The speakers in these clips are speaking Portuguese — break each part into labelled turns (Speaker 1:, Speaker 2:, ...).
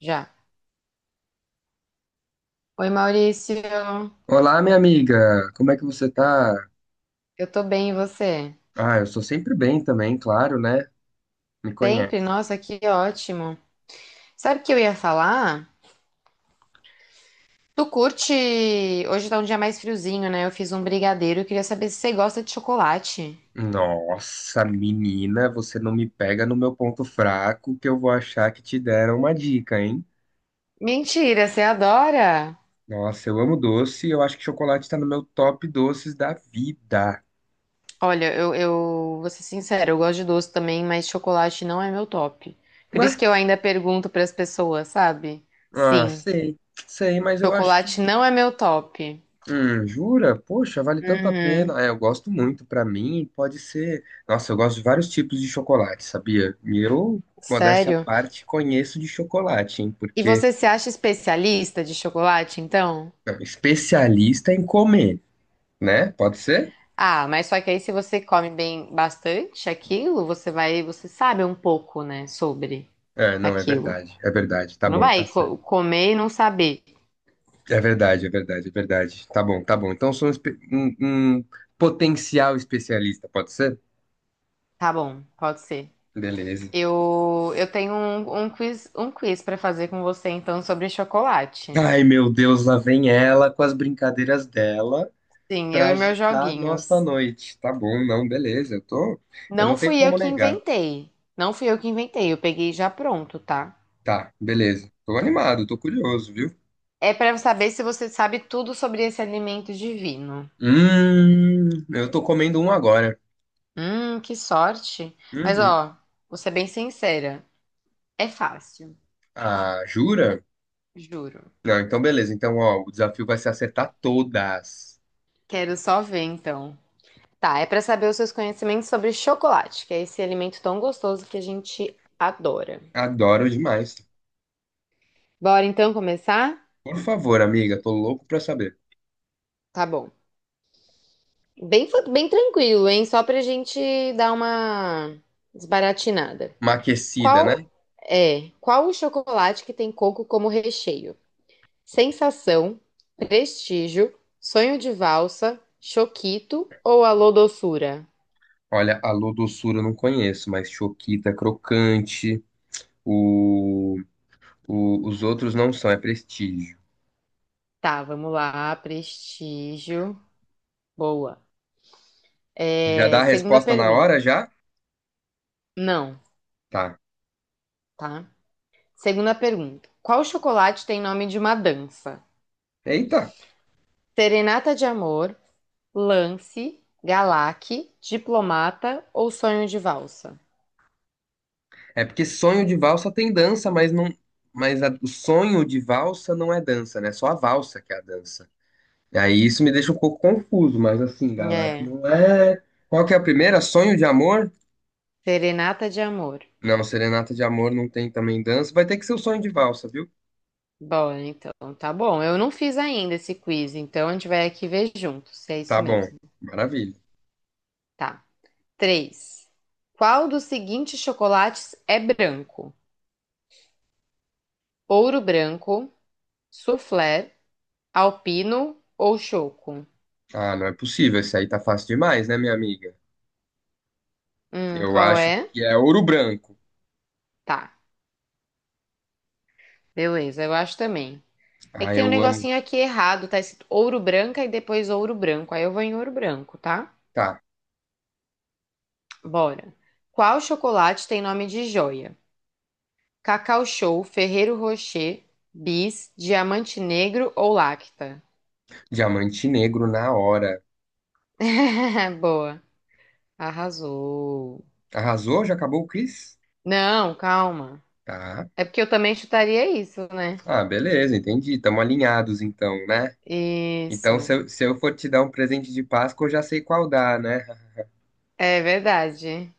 Speaker 1: Já. Oi, Maurício.
Speaker 2: Olá, minha amiga, como é que você tá?
Speaker 1: Eu tô bem, e você?
Speaker 2: Ah, eu sou sempre bem também, claro, né? Me
Speaker 1: Sempre?
Speaker 2: conhece.
Speaker 1: Nossa, que ótimo. Sabe o que eu ia falar? Tu curte. Hoje tá um dia mais friozinho, né? Eu fiz um brigadeiro. Eu queria saber se você gosta de chocolate.
Speaker 2: Nossa, menina, você não me pega no meu ponto fraco que eu vou achar que te deram uma dica, hein?
Speaker 1: Mentira, você adora?
Speaker 2: Nossa, eu amo doce, eu acho que chocolate tá no meu top doces da vida.
Speaker 1: Olha, eu vou ser sincera, eu gosto de doce também, mas chocolate não é meu top. Por isso
Speaker 2: Ué?
Speaker 1: que eu ainda pergunto pras pessoas, sabe?
Speaker 2: Ah,
Speaker 1: Sim,
Speaker 2: sei, sei, mas eu acho que.
Speaker 1: chocolate não é meu top.
Speaker 2: Jura? Poxa, vale tanto a
Speaker 1: Uhum.
Speaker 2: pena. É, eu gosto muito. Pra mim, pode ser. Nossa, eu gosto de vários tipos de chocolate, sabia? E eu, modéstia à
Speaker 1: Sério?
Speaker 2: parte, conheço de chocolate, hein?
Speaker 1: E
Speaker 2: Porque
Speaker 1: você se acha especialista de chocolate, então?
Speaker 2: é especialista em comer, né? Pode ser?
Speaker 1: Ah, mas só que aí se você come bem bastante aquilo, você vai, você sabe um pouco, né, sobre
Speaker 2: É, não, é
Speaker 1: aquilo.
Speaker 2: verdade. É verdade. Tá
Speaker 1: Você não
Speaker 2: bom,
Speaker 1: vai
Speaker 2: tá certo.
Speaker 1: comer e não saber.
Speaker 2: É verdade, é verdade, é verdade. Tá bom, tá bom. Então, sou um potencial especialista, pode ser?
Speaker 1: Tá bom, pode ser.
Speaker 2: Beleza.
Speaker 1: Eu tenho um quiz para fazer com você então sobre chocolate.
Speaker 2: Ai, meu Deus, lá vem ela com as brincadeiras dela.
Speaker 1: Sim, eu
Speaker 2: Para
Speaker 1: e meus
Speaker 2: agitar a nossa
Speaker 1: joguinhos.
Speaker 2: noite. Tá bom, não, beleza. Eu
Speaker 1: Não
Speaker 2: não tenho
Speaker 1: fui eu
Speaker 2: como
Speaker 1: que
Speaker 2: negar.
Speaker 1: inventei. Não fui eu que inventei, eu peguei já pronto, tá?
Speaker 2: Tá, beleza. Tô animado, tô curioso, viu?
Speaker 1: É para saber se você sabe tudo sobre esse alimento divino.
Speaker 2: Hum, eu tô comendo um agora.
Speaker 1: Que sorte. Mas
Speaker 2: Uhum.
Speaker 1: ó, vou ser bem sincera. É fácil,
Speaker 2: Ah, jura?
Speaker 1: juro.
Speaker 2: Não, então beleza. Então, ó, o desafio vai ser acertar todas.
Speaker 1: Quero só ver então. Tá, é pra saber os seus conhecimentos sobre chocolate, que é esse alimento tão gostoso que a gente adora.
Speaker 2: Adoro demais.
Speaker 1: Bora então começar?
Speaker 2: Por favor, amiga, tô louco pra saber.
Speaker 1: Tá bom. Bem, bem tranquilo, hein? Só pra gente dar uma desbaratinada.
Speaker 2: Maquecida, né?
Speaker 1: Qual é? Qual o chocolate que tem coco como recheio? Sensação, Prestígio, Sonho de Valsa, Choquito ou Alô Doçura?
Speaker 2: Olha, alô doçura eu não conheço, mas choquita, é crocante, o, os outros não são, é prestígio.
Speaker 1: Tá, vamos lá. Prestígio. Boa.
Speaker 2: Já dá
Speaker 1: É,
Speaker 2: a
Speaker 1: segunda
Speaker 2: resposta na hora
Speaker 1: pergunta.
Speaker 2: já?
Speaker 1: Não,
Speaker 2: Tá.
Speaker 1: tá? Segunda pergunta. Qual chocolate tem nome de uma dança?
Speaker 2: Eita.
Speaker 1: Serenata de Amor, Lance, Galac, Diplomata ou Sonho de Valsa?
Speaker 2: É porque sonho de valsa tem dança, mas não, o sonho de valsa não é dança, né? Só a valsa que é a dança. E aí isso me deixa um pouco confuso, mas assim, Galata,
Speaker 1: É,
Speaker 2: não é. Qual que é a primeira? Sonho de amor?
Speaker 1: Serenata de Amor.
Speaker 2: Não, serenata de amor não tem também dança. Vai ter que ser o sonho de valsa, viu?
Speaker 1: Bom, então, tá bom. Eu não fiz ainda esse quiz, então a gente vai aqui ver juntos, se é
Speaker 2: Tá
Speaker 1: isso
Speaker 2: bom.
Speaker 1: mesmo.
Speaker 2: Maravilha.
Speaker 1: Tá. Três. Qual dos seguintes chocolates é branco? Ouro branco, soufflé, alpino ou choco?
Speaker 2: Ah, não é possível. Esse aí tá fácil demais, né, minha amiga? Eu
Speaker 1: Qual
Speaker 2: acho
Speaker 1: é?
Speaker 2: que é ouro branco.
Speaker 1: Tá, beleza, eu acho também. É que
Speaker 2: Ah,
Speaker 1: tem um
Speaker 2: eu amo.
Speaker 1: negocinho aqui errado, tá escrito ouro branca e depois ouro branco. Aí eu vou em ouro branco, tá?
Speaker 2: Tá.
Speaker 1: Bora. Qual chocolate tem nome de joia? Cacau Show, Ferrero Rocher, Bis, Diamante Negro ou Lacta?
Speaker 2: Diamante negro na hora.
Speaker 1: Boa, arrasou.
Speaker 2: Arrasou? Já acabou o quiz?
Speaker 1: Não, calma.
Speaker 2: Tá.
Speaker 1: É porque eu também chutaria isso, né?
Speaker 2: Ah, beleza, entendi. Estamos alinhados então, né?
Speaker 1: Isso,
Speaker 2: Então, se eu for te dar um presente de Páscoa, eu já sei qual dar, né?
Speaker 1: é verdade.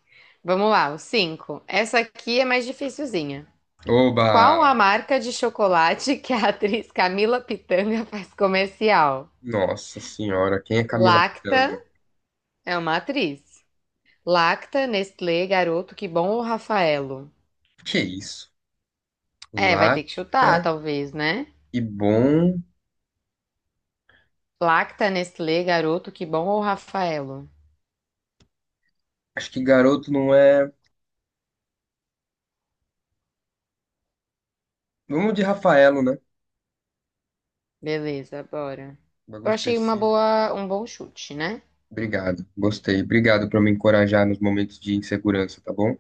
Speaker 1: Vamos lá, o 5. Essa aqui é mais dificilzinha.
Speaker 2: Oba!
Speaker 1: Qual a marca de chocolate que a atriz Camila Pitanga faz comercial?
Speaker 2: Nossa senhora, quem é Camila
Speaker 1: Lacta
Speaker 2: Pitanga?
Speaker 1: é uma atriz. Lacta, Nestlé, Garoto, Que Bom ou Rafaelo?
Speaker 2: Que isso?
Speaker 1: É, vai ter que
Speaker 2: Lacta
Speaker 1: chutar, talvez, né?
Speaker 2: e bom.
Speaker 1: Lacta, Nestlé, Garoto, Que Bom ou Rafaelo?
Speaker 2: Acho que garoto não é. Vamos de Rafaelo, né?
Speaker 1: Beleza, bora.
Speaker 2: Bagulho
Speaker 1: Eu achei uma
Speaker 2: específico.
Speaker 1: boa, um bom chute, né?
Speaker 2: Obrigado, gostei. Obrigado por me encorajar nos momentos de insegurança, tá bom?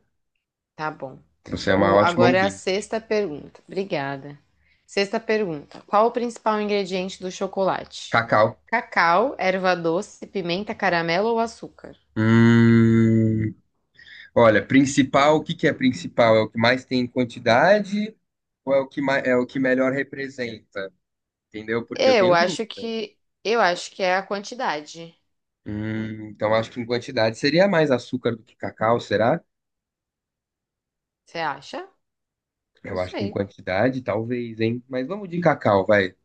Speaker 1: Tá bom.
Speaker 2: Você é uma
Speaker 1: O,
Speaker 2: ótima
Speaker 1: agora é a
Speaker 2: ouvinte.
Speaker 1: sexta pergunta. Obrigada. Sexta pergunta. Qual o principal ingrediente do chocolate?
Speaker 2: Cacau.
Speaker 1: Cacau, erva doce, pimenta, caramelo ou açúcar?
Speaker 2: Hum. Olha, principal, o que que é principal? É o que mais tem em quantidade ou é o que melhor representa? Entendeu? Porque eu
Speaker 1: Eu
Speaker 2: tenho
Speaker 1: acho
Speaker 2: dúvida.
Speaker 1: que eu acho que é a quantidade.
Speaker 2: Então acho que em quantidade seria mais açúcar do que cacau, será?
Speaker 1: Você acha? Não
Speaker 2: Eu acho que em
Speaker 1: sei.
Speaker 2: quantidade, talvez, hein? Mas vamos de cacau, vai.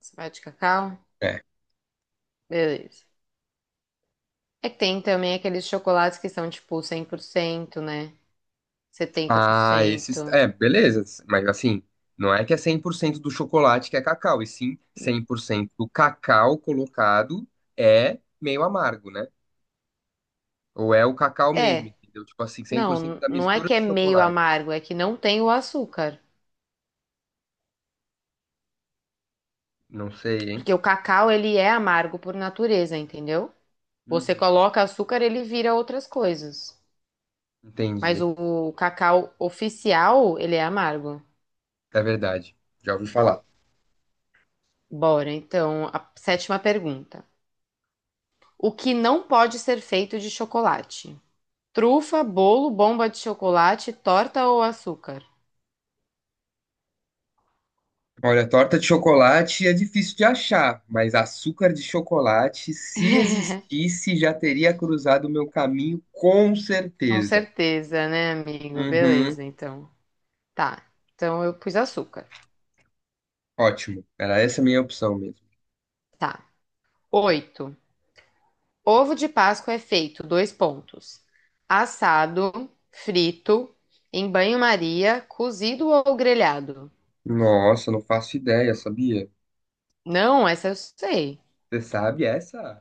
Speaker 1: Você vai de cacau?
Speaker 2: É.
Speaker 1: Beleza. É que tem também aqueles chocolates que são tipo 100%, né? Setenta por
Speaker 2: Ah, esses.
Speaker 1: cento.
Speaker 2: É, beleza. Mas assim, não é que é 100% do chocolate que é cacau, e sim 100% do cacau colocado é meio amargo, né? Ou é o cacau mesmo,
Speaker 1: É,
Speaker 2: entendeu? Tipo assim, 100%
Speaker 1: não,
Speaker 2: da
Speaker 1: não é
Speaker 2: mistura
Speaker 1: que é
Speaker 2: de
Speaker 1: meio
Speaker 2: chocolate.
Speaker 1: amargo, é que não tem o açúcar.
Speaker 2: Não sei, hein?
Speaker 1: Porque o cacau, ele é amargo por natureza, entendeu? Você
Speaker 2: Uhum.
Speaker 1: coloca açúcar, ele vira outras coisas. Mas
Speaker 2: Entendi.
Speaker 1: o cacau oficial, ele é amargo.
Speaker 2: É verdade. Já ouvi falar.
Speaker 1: Bora, então, a sétima pergunta. O que não pode ser feito de chocolate? Trufa, bolo, bomba de chocolate, torta ou açúcar?
Speaker 2: Olha, torta de chocolate é difícil de achar, mas açúcar de chocolate, se existisse, já teria cruzado o meu caminho com
Speaker 1: Com
Speaker 2: certeza.
Speaker 1: certeza, né, amigo?
Speaker 2: Uhum.
Speaker 1: Beleza, então. Tá. Então eu pus açúcar.
Speaker 2: Ótimo. Era essa a minha opção mesmo.
Speaker 1: Tá. Oito. Ovo de Páscoa é feito, dois pontos. Assado, frito, em banho-maria, cozido ou grelhado?
Speaker 2: Nossa, não faço ideia, sabia?
Speaker 1: Não, essa eu sei.
Speaker 2: Você sabe essa?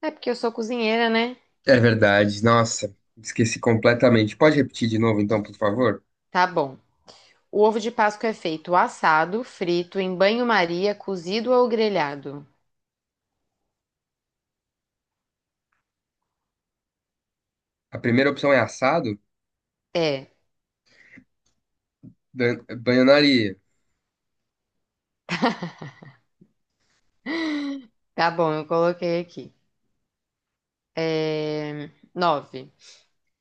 Speaker 1: É porque eu sou cozinheira, né?
Speaker 2: É verdade. Nossa, esqueci completamente. Pode repetir de novo, então, por favor?
Speaker 1: Tá bom. O ovo de Páscoa é feito assado, frito, em banho-maria, cozido ou grelhado?
Speaker 2: A primeira opção é assado?
Speaker 1: É.
Speaker 2: Bananaria.
Speaker 1: Tá bom, eu coloquei aqui. É, Nove.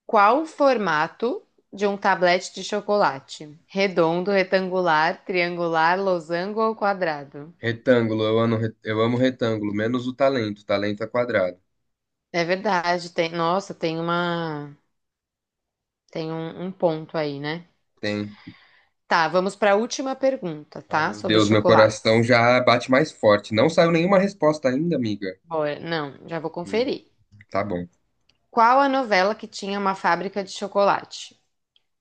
Speaker 1: Qual o formato de um tablete de chocolate? Redondo, retangular, triangular, losango ou quadrado?
Speaker 2: Retângulo, eu amo, eu amo retângulo, menos o talento. Talento é quadrado.
Speaker 1: É verdade, tem, nossa, tem um ponto aí, né?
Speaker 2: Tem.
Speaker 1: Tá, vamos para a última pergunta,
Speaker 2: Ai,
Speaker 1: tá?
Speaker 2: meu
Speaker 1: Sobre
Speaker 2: Deus, meu coração
Speaker 1: chocolates.
Speaker 2: já bate mais forte. Não saiu nenhuma resposta ainda, amiga.
Speaker 1: Bora, não, já vou
Speaker 2: Hum,
Speaker 1: conferir.
Speaker 2: tá bom.
Speaker 1: Qual a novela que tinha uma fábrica de chocolate?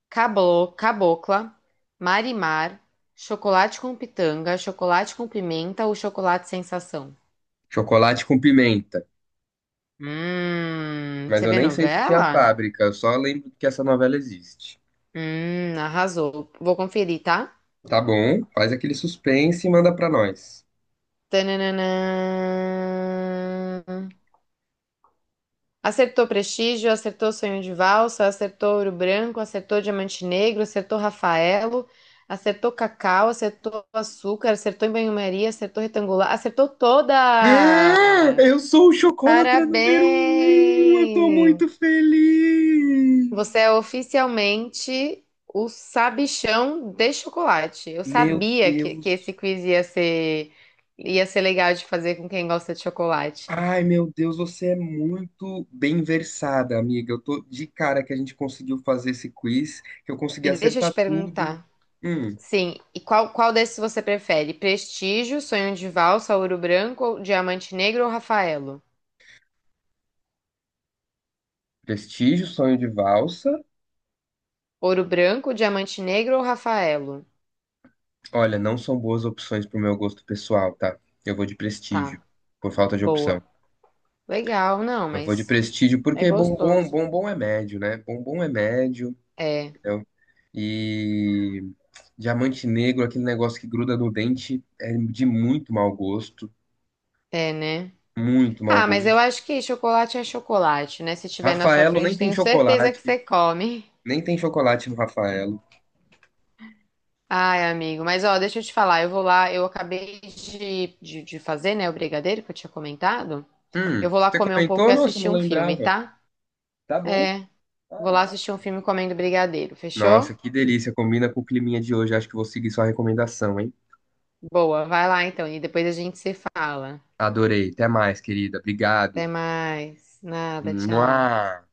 Speaker 1: Cablo, Cabocla, Marimar, Chocolate com Pitanga, Chocolate com Pimenta ou Chocolate Sensação?
Speaker 2: Chocolate com pimenta. Mas
Speaker 1: Você
Speaker 2: eu
Speaker 1: vê
Speaker 2: nem sei se tinha
Speaker 1: novela?
Speaker 2: fábrica, eu só lembro que essa novela existe.
Speaker 1: Arrasou. Vou conferir, tá?
Speaker 2: Tá bom, faz aquele suspense e manda pra nós.
Speaker 1: Tananã. Acertou Prestígio, acertou Sonho de Valsa, acertou Ouro Branco, acertou Diamante Negro, acertou Rafaelo, acertou Cacau, acertou Açúcar, acertou em Banho-Maria, acertou Retangular, acertou toda!
Speaker 2: Ah, eu sou o chocolatra número um! Eu tô
Speaker 1: Parabéns!
Speaker 2: muito feliz!
Speaker 1: Você é oficialmente o sabichão de chocolate. Eu
Speaker 2: Meu
Speaker 1: sabia que esse
Speaker 2: Deus.
Speaker 1: quiz ia ser legal de fazer com quem gosta de chocolate.
Speaker 2: Ai, meu Deus, você é muito bem versada, amiga. Eu tô de cara que a gente conseguiu fazer esse quiz, que eu consegui
Speaker 1: E deixa eu te
Speaker 2: acertar tudo.
Speaker 1: perguntar.
Speaker 2: Hum,
Speaker 1: Sim, e qual desses você prefere? Prestígio, Sonho de Valsa, Ouro Branco, ou Diamante Negro ou Rafaelo?
Speaker 2: Prestígio, Sonho de Valsa.
Speaker 1: Ouro Branco, Diamante Negro ou Rafaelo?
Speaker 2: Olha, não são boas opções pro meu gosto pessoal, tá? Eu vou de Prestígio,
Speaker 1: Tá,
Speaker 2: por falta de opção.
Speaker 1: boa. Legal, não,
Speaker 2: Eu vou de
Speaker 1: mas
Speaker 2: Prestígio
Speaker 1: é
Speaker 2: porque bombom,
Speaker 1: gostoso.
Speaker 2: bombom é médio, né? Bombom é médio,
Speaker 1: É,
Speaker 2: entendeu? E Diamante Negro, aquele negócio que gruda no dente, é de muito mau gosto,
Speaker 1: é, né?
Speaker 2: muito mau
Speaker 1: Ah, mas eu
Speaker 2: gosto.
Speaker 1: acho que chocolate é chocolate, né? Se tiver na sua
Speaker 2: Rafaelo nem
Speaker 1: frente,
Speaker 2: tem
Speaker 1: tenho certeza que
Speaker 2: chocolate.
Speaker 1: você come.
Speaker 2: Nem tem chocolate no Rafaelo.
Speaker 1: Ai, amigo, mas ó, deixa eu te falar, eu vou lá, eu acabei de fazer, né, o brigadeiro que eu tinha comentado. Eu vou lá
Speaker 2: Você
Speaker 1: comer um pouco
Speaker 2: comentou?
Speaker 1: e
Speaker 2: Nossa, eu
Speaker 1: assistir
Speaker 2: não
Speaker 1: um filme,
Speaker 2: lembrava.
Speaker 1: tá?
Speaker 2: Tá bom.
Speaker 1: É,
Speaker 2: Ah, é
Speaker 1: vou lá
Speaker 2: maravilha.
Speaker 1: assistir um filme comendo brigadeiro,
Speaker 2: Nossa,
Speaker 1: fechou?
Speaker 2: que delícia. Combina com o climinha de hoje. Acho que vou seguir sua recomendação, hein?
Speaker 1: Boa, vai lá então, e depois a gente se fala.
Speaker 2: Adorei. Até mais, querida.
Speaker 1: Até
Speaker 2: Obrigado.
Speaker 1: mais. Nada, tchau.
Speaker 2: Mua.